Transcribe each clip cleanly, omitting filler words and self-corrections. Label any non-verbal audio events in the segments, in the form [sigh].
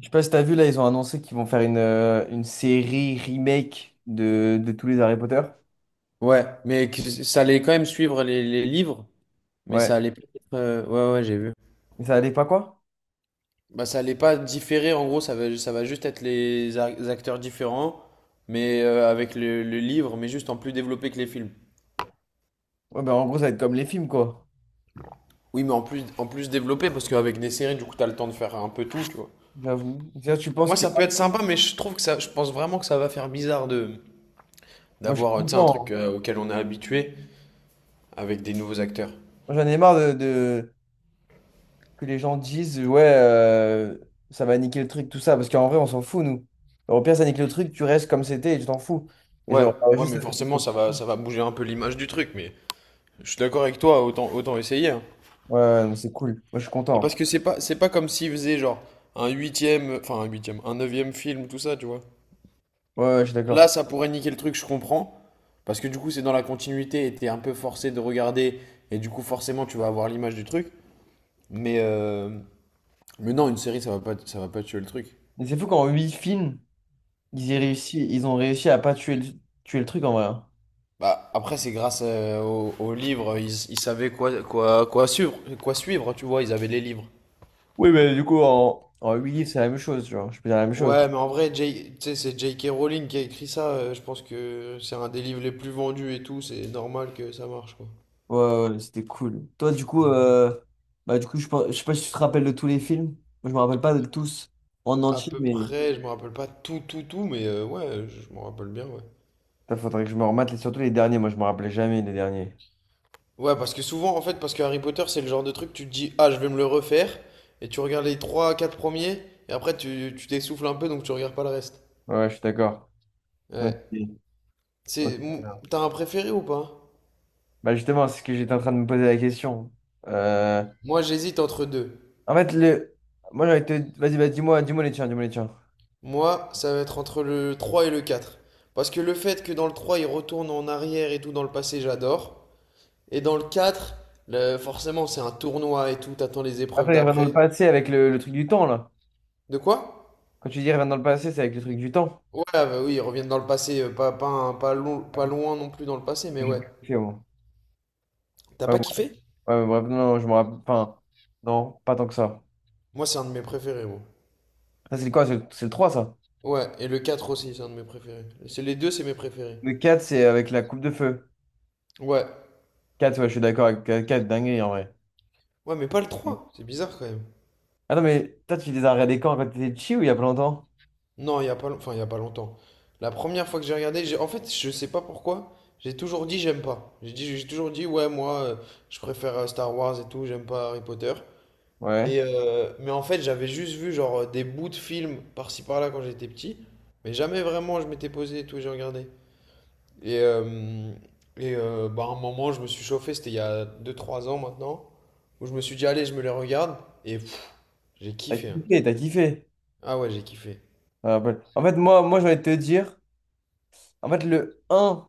Je sais pas si t'as vu là, ils ont annoncé qu'ils vont faire une série remake de tous les Harry Potter. Ça allait quand même suivre les livres, mais ça Ouais. allait pas être, j'ai vu. Mais ça allait pas quoi? Bah, ça allait pas différer, en gros, ça va juste être les acteurs différents, mais avec le livre, mais juste en plus développé que les films. Ouais, ben en gros, ça va être comme les films quoi. Oui, mais en plus développé, parce qu'avec des séries, du coup, t'as le temps de faire un peu tout, tu vois. J'avoue. Tiens, tu penses Moi, qu'il y ça peut aura- être sympa, mais je trouve que ça, je pense vraiment que ça va faire bizarre de Moi, je suis d'avoir, tu sais, un truc content, auquel on est habitué avec des nouveaux acteurs. hein. J'en ai marre de- que les gens disent, ouais, ça va niquer le truc, tout ça. Parce qu'en vrai, on s'en fout, nous. Au pire, ça nique le truc, tu restes comme c'était et tu t'en fous. Et Ouais, genre, ouais, juste, mais ça fait du forcément, cool. ça va bouger un peu l'image du truc, mais. Je suis d'accord avec toi, autant, autant essayer, hein. Ouais, ouais, non, c'est cool. Moi, je suis Et content, parce hein. que c'est pas comme s'ils faisaient genre un huitième, enfin un huitième, un neuvième film, tout ça, tu vois. Ouais, ouais, je suis d'accord. Là, ça pourrait niquer le truc, je comprends. Parce que du coup, c'est dans la continuité et t'es un peu forcé de regarder. Et du coup, forcément, tu vas avoir l'image du truc. Mais mais non, une série, ça va pas tuer le truc. Mais c'est fou qu'en huit films, ils aient réussi, ils ont réussi à pas tuer le truc en vrai, hein. Bah, après, c'est grâce au, au livre, ils savaient quoi suivre, tu vois, ils avaient les livres. Oui, mais du coup, en 8 livres, c'est la même chose, genre. Je peux dire la même chose. Ouais, mais en vrai, tu sais, c'est J.K. Rowling qui a écrit ça. Je pense que c'est un des livres les plus vendus et tout. C'est normal que ça marche, quoi. Ouais, ouais, ouais, c'était cool. Toi, du coup, je sais pas si tu te rappelles de tous les films. Moi, je me rappelle pas de tous en À entier, peu mais. près, je me rappelle pas tout, mais ouais, je m'en rappelle bien, ouais. Il faudrait que je me remette, les surtout les derniers. Moi, je me rappelais jamais les derniers. Ouais, parce que souvent, en fait, parce que Harry Potter, c'est le genre de truc, tu te dis, ah, je vais me le refaire, et tu regardes les 3 4 premiers, et après, tu t'essouffles un peu, donc tu regardes pas le reste. Ouais, ouais, je suis d'accord. Donc, Ouais. c'est- ok. C'est, mou- T'as un préféré ou pas? Bah, justement, c'est ce que j'étais en train de me poser la question. Euh, Moi, j'hésite entre deux. En fait, le... moi, j'aurais été... Vas-y, bah, dis-moi, dis-moi les tiens, dis-moi les tiens. Moi, ça va être entre le 3 et le 4, parce que le fait que dans le 3 il retourne en arrière et tout dans le passé, j'adore. Et dans le 4, forcément, c'est un tournoi et tout, t'attends les épreuves Attends, il revient dans le d'après. passé avec le truc du temps, là. De quoi? Quand tu dis il revient dans le passé, c'est avec le truc du temps. Ouais, ah bah oui, ils reviennent dans le passé, pas, pas, un- pas, long- pas loin non plus dans le passé, mais ouais. Ok, T'as bon. pas kiffé? Ouais, mais bref, non, non, je me rappelle. Enfin, non, pas tant que ça. Moi, c'est un de mes préférés, moi. Ça, c'est quoi? C'est le 3, ça? Ouais, et le 4 aussi, c'est un de mes préférés. C'est les deux, c'est mes préférés. Le quatre c'est avec la coupe de feu. Ouais. Quatre ouais, je suis d'accord avec 4, dinguerie, en vrai. Ouais, mais pas le 3. C'est bizarre quand même. Ah non, mais toi, tu les as regardés quand? Quand t'étais petit ou il y a pas longtemps? Non, il y a pas, long- Enfin, il y a pas longtemps. La première fois que j'ai regardé, en fait, je sais pas pourquoi, j'ai toujours dit j'aime pas. J'ai toujours dit ouais, moi, je préfère Star Wars et tout, j'aime pas Harry Potter. Ouais. Et mais en fait, j'avais juste vu genre des bouts de films par-ci par-là quand j'étais petit, mais jamais vraiment je m'étais posé et tout, j'ai regardé. Et euh, et bah à un moment, je me suis chauffé, c'était il y a deux trois ans maintenant, où je me suis dit allez, je me les regarde et pff, j'ai T'as kiffé, hein. kiffé, t'as kiffé. Ah ouais, j'ai kiffé. Ça me rappelle. En fait, moi j'ai envie de te dire, en fait, le un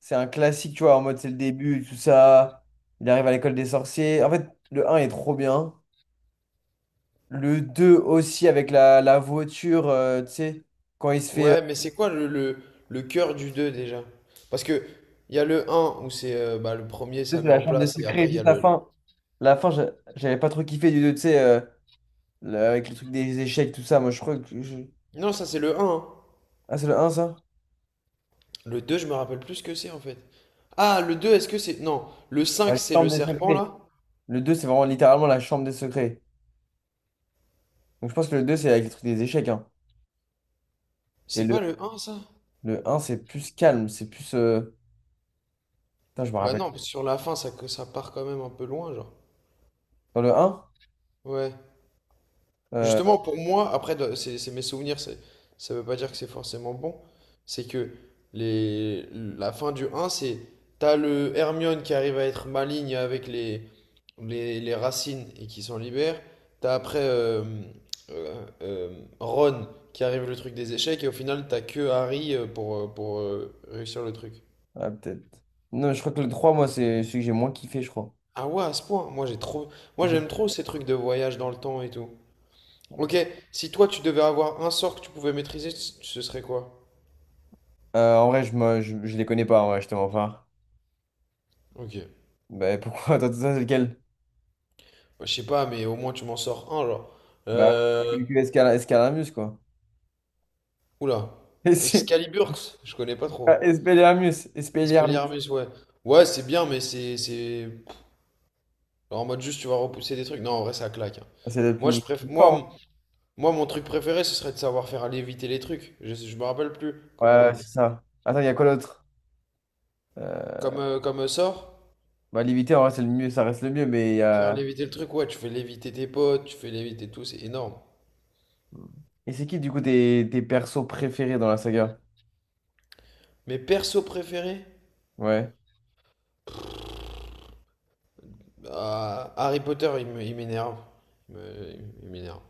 c'est un classique, tu vois, en mode c'est le début, tout ça. Il arrive à l'école des sorciers. En fait, le un est trop bien. Le 2 aussi avec la voiture, tu sais, quand il se fait... Ouais, mais c'est quoi le cœur du 2 déjà? Parce que il y a le un où c'est bah, le premier c'est ça met la en chambre des place et secrets, après il y a juste la le... fin. La fin, j'avais pas trop kiffé du 2 tu sais, le- avec le truc des échecs, tout ça. Moi, je crois que... je- Non, ça c'est le un, hein. Ah, c'est le un ça? Le 2 je me rappelle plus ce que c'est en fait. Ah, le 2 est-ce que c'est... Non, le La 5 c'est le chambre des serpent secrets. là? Le 2 c'est vraiment littéralement la chambre des secrets. Donc, je pense que le 2 c'est avec le truc des échecs, hein. Et C'est le, pas le un ça? le un c'est plus calme, c'est plus... Putain, je me Bah rappelle. non, parce que sur la fin ça, ça part quand même un peu loin genre. Dans le un Ouais. euh, Justement, pour moi, après, c'est mes souvenirs, ça veut pas dire que c'est forcément bon. C'est que la fin du un c'est t'as le Hermione qui arrive à être maligne avec les racines et qui s'en libère. T'as après euh, Ron qui arrive le truc des échecs et au final, t'as que Harry pour réussir le truc. Ouais, peut-être. Non, je crois que le 3 moi, c'est celui que j'ai moins kiffé, je crois. Ah ouais, à ce point, moi Mhm. j'aime trop ces trucs de voyage dans le temps et tout. Ok, si toi tu devais avoir un sort que tu pouvais maîtriser, ce serait quoi? En vrai, je les connais pas, en vrai, je te mens pas. Ok. Bah, pourquoi? [laughs] Attends, ça, c'est lequel? Je sais pas, mais au moins tu m'en sors un, genre. Bah, Euh... Escalamus, quoi. Oula. [laughs] Et si- Excaliburx, je connais pas Ah, trop. Expelliarmus, Expelliarmus. Expelliarmus, ouais. Ouais, c'est bien, mais c'est... genre en mode juste, tu vas repousser des trucs. Non, en vrai, ça claque, hein. Ah, c'est le Moi, plus je préf... moi, fort, hein. m- Moi, mon truc préféré, ce serait de savoir faire léviter les trucs. Je me rappelle plus. Ouais, Comment ouais, on- c'est ça. Attends, il y a quoi d'autre? Euh, comme, comme sort, bah, limité, en vrai, c'est le mieux, ça reste le mieux, mais il y faire a... léviter le truc, ouais, tu fais léviter tes potes, tu fais léviter tout, c'est énorme. Et c'est qui, du coup, tes persos préférés dans la saga? Mes persos préférés, Ouais, bah, Harry Potter, il m'énerve. Il me- il m'énerve.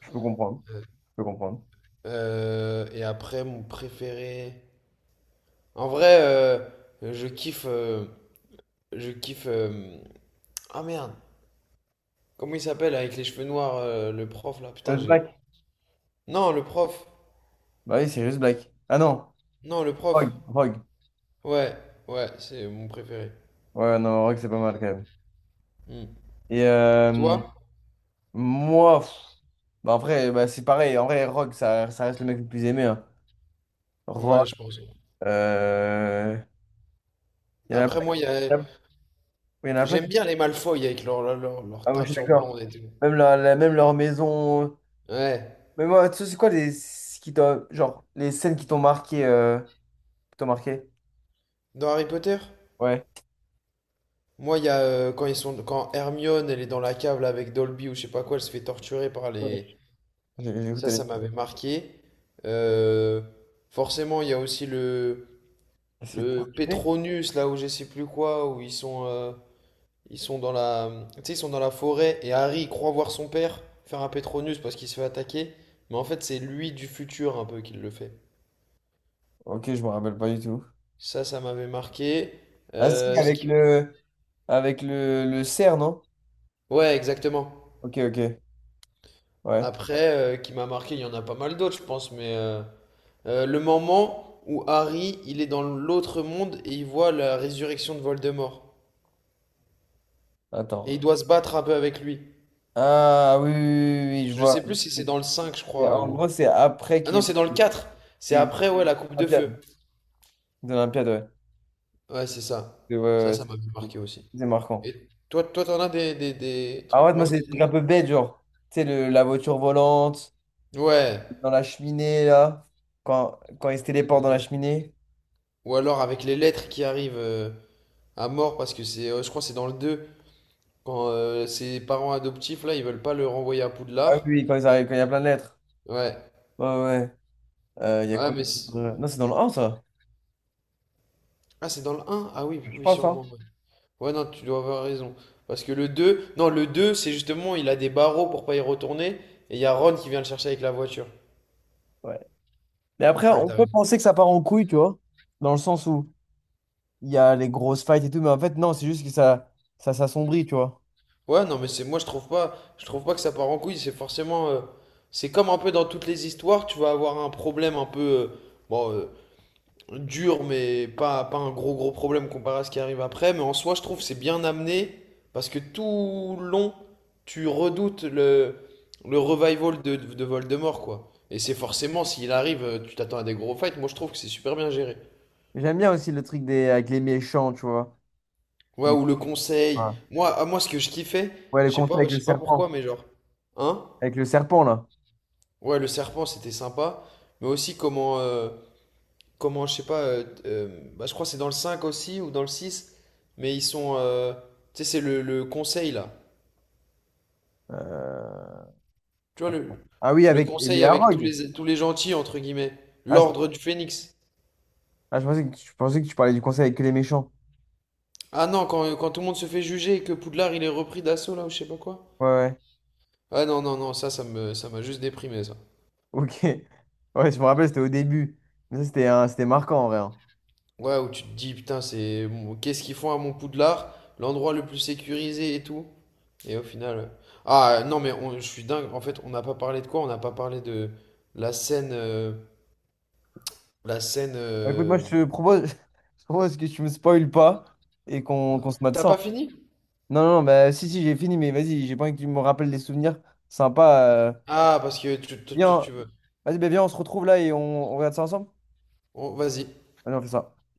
je peux comprendre. Euh, Je peux comprendre. Et après, mon préféré. En vrai, je kiffe. Je kiffe. Ah merde! Comment il s'appelle avec les cheveux noirs, le prof là? Putain, Just j'ai. Black. Non, le prof! Bah oui, c'est juste Black. Ah non, Non, le prof! Rogue. Rogue. Ouais, ouais, c'est mon préféré. Ouais, non, en vrai que c'est pas mal quand même. Hmm. Et Toi? moi, pff, bah, en vrai, bah, c'est pareil. En vrai, Rock, ça reste le mec le plus aimé, hein. Ouais, Rock, je pense. euh, il y en a Après, plein, moi, il y a... il y en a plein j'aime qui... bien les Malfoy avec Ah, leur moi, je suis teinture blonde d'accord. et tout. Même leur maison. Ouais. Mais moi, tu sais, c'est quoi les, ce qui t'ont- genre, les scènes qui t'ont marqué, qui t'ont marqué? Dans Harry Potter? Ouais. Moi, il y a quand ils sont quand Hermione elle est dans la cave là, avec Dolby ou je sais pas quoi, elle se fait torturer par Ouais. les J'écoute, ça, elle ça m'avait marqué. Euh, forcément, il y a aussi est- c'est le torturé. Petronus, là où je sais plus quoi, où ils sont dans la, tu sais, ils sont dans la forêt et Harry il croit voir son père faire un Petronus parce qu'il se fait attaquer. Mais en fait, c'est lui du futur un peu qui le fait. Ok, je me rappelle pas du tout. Ça m'avait marqué. Ah si, Euh, ce avec qui- le, le cerf, non? Ouais, exactement. Ok, ok. Ouais. Après, qui m'a marqué, il y en a pas mal d'autres, je pense, mais le moment où Harry, il est dans l'autre monde et il voit la résurrection de Voldemort. Et il Attends. doit se battre un peu avec lui. Ah oui, oui, oui, oui, oui, je Je vois. sais plus si c'est dans le 5, je Et crois, en ou... gros, c'est après Ah qu'il y non, c'est ait dans le les- 4. C'est C'est après, ouais, la coupe de feu. Olympiade. C'est Olympiade, ouais. Ouais, c'est ça. C'est ouais, Ça, ouais, ça m'a c'est- marqué aussi. c'est marquant. Et toi, toi, t'en as des Ah trucs ouais, moi, c'est marquants des trucs comme un peu bête, genre. Tu sais, le- la voiture volante, ça. Ouais. dans la cheminée, là. Quand ils se téléportent dans la cheminée. Ou alors avec les lettres qui arrivent à mort, parce que c'est, je crois que c'est dans le 2 quand ses parents adoptifs, là, ils veulent pas le renvoyer à Ah oui, Poudlard. oui, quand ils arrivent, quand il y a plein de lettres. Ouais. Ouais, ouais. Ouais. Il y a Ouais, quoi mais... c'est- d'autre? Non, c'est dans le 1, ça. Ah, c'est dans le un. Ah oui, Je oui, pense, hein. sûrement, ouais. Ouais, non, tu dois avoir raison. Parce que le 2 non, le 2 c'est justement, il a des barreaux pour pas y retourner. Et il y a Ron qui vient le chercher avec la voiture. Ouais. Mais après, Ouais, on t'as peut raison. penser que ça part en couille, tu vois. Dans le sens où il y a les grosses fights et tout, mais en fait, non, c'est juste que ça s'assombrit, tu vois. Ouais, non, mais c'est moi, je trouve pas que ça part en couille. C'est forcément, c'est comme un peu dans toutes les histoires, tu vas avoir un problème un peu, bon, euh, dur, mais pas un gros gros problème comparé à ce qui arrive après. Mais en soi, je trouve que c'est bien amené parce que tout le long, tu redoutes le revival de Voldemort, quoi. Et c'est forcément, s'il arrive, tu t'attends à des gros fights. Moi, je trouve que c'est super bien géré. J'aime bien aussi le truc des, avec les méchants, tu vois. Ouais, Il- ou le conseil. ah. Moi, à moi, ce que je kiffais, Ouais, le je sais conseil pas, ouais, avec je le sais pas pourquoi, serpent. mais genre, hein? Avec le serpent, là. Ouais, le serpent, c'était sympa. Mais aussi comment, comment, je sais pas, bah, je crois que c'est dans le 5 aussi ou dans le 6, mais ils sont. Tu sais, c'est le conseil là. Euh, Tu vois, Attends. Ah oui, le avec les conseil avec Arog. Tous les gentils, entre guillemets. Ah, je, L'ordre du phénix. ah, je pensais que tu parlais du conseil avec que les méchants. Ah non, quand, quand tout le monde se fait juger et que Poudlard il est repris d'assaut là ou je sais pas quoi. Ouais, ouais. Ah non, non, non, ça, ça m'a juste déprimé ça. [laughs] Ok. Ouais, je me rappelle, c'était au début. Mais ça, c'était c'était marquant, en vrai, hein. Ouais, où tu te dis, putain, c'est qu'est-ce qu'ils font à mon Poudlard? L'endroit le plus sécurisé et tout. Et au final. Ah non, mais je suis dingue. En fait, on n'a pas parlé de quoi? On n'a pas parlé de la scène. La scène. Bah, écoute, moi, euh, je te propose, [laughs] je propose que tu me spoiles pas et qu'on se mate T'as ça, hein. pas fini? Non, non, bah, si, si, j'ai fini, mais vas-y, j'ai pas envie que tu me rappelles des souvenirs sympas. Ah, parce que Viens, tu veux. vas-y, bah, viens, on se retrouve là et on regarde ça ensemble. Oh, vas-y. Allez, on fait ça.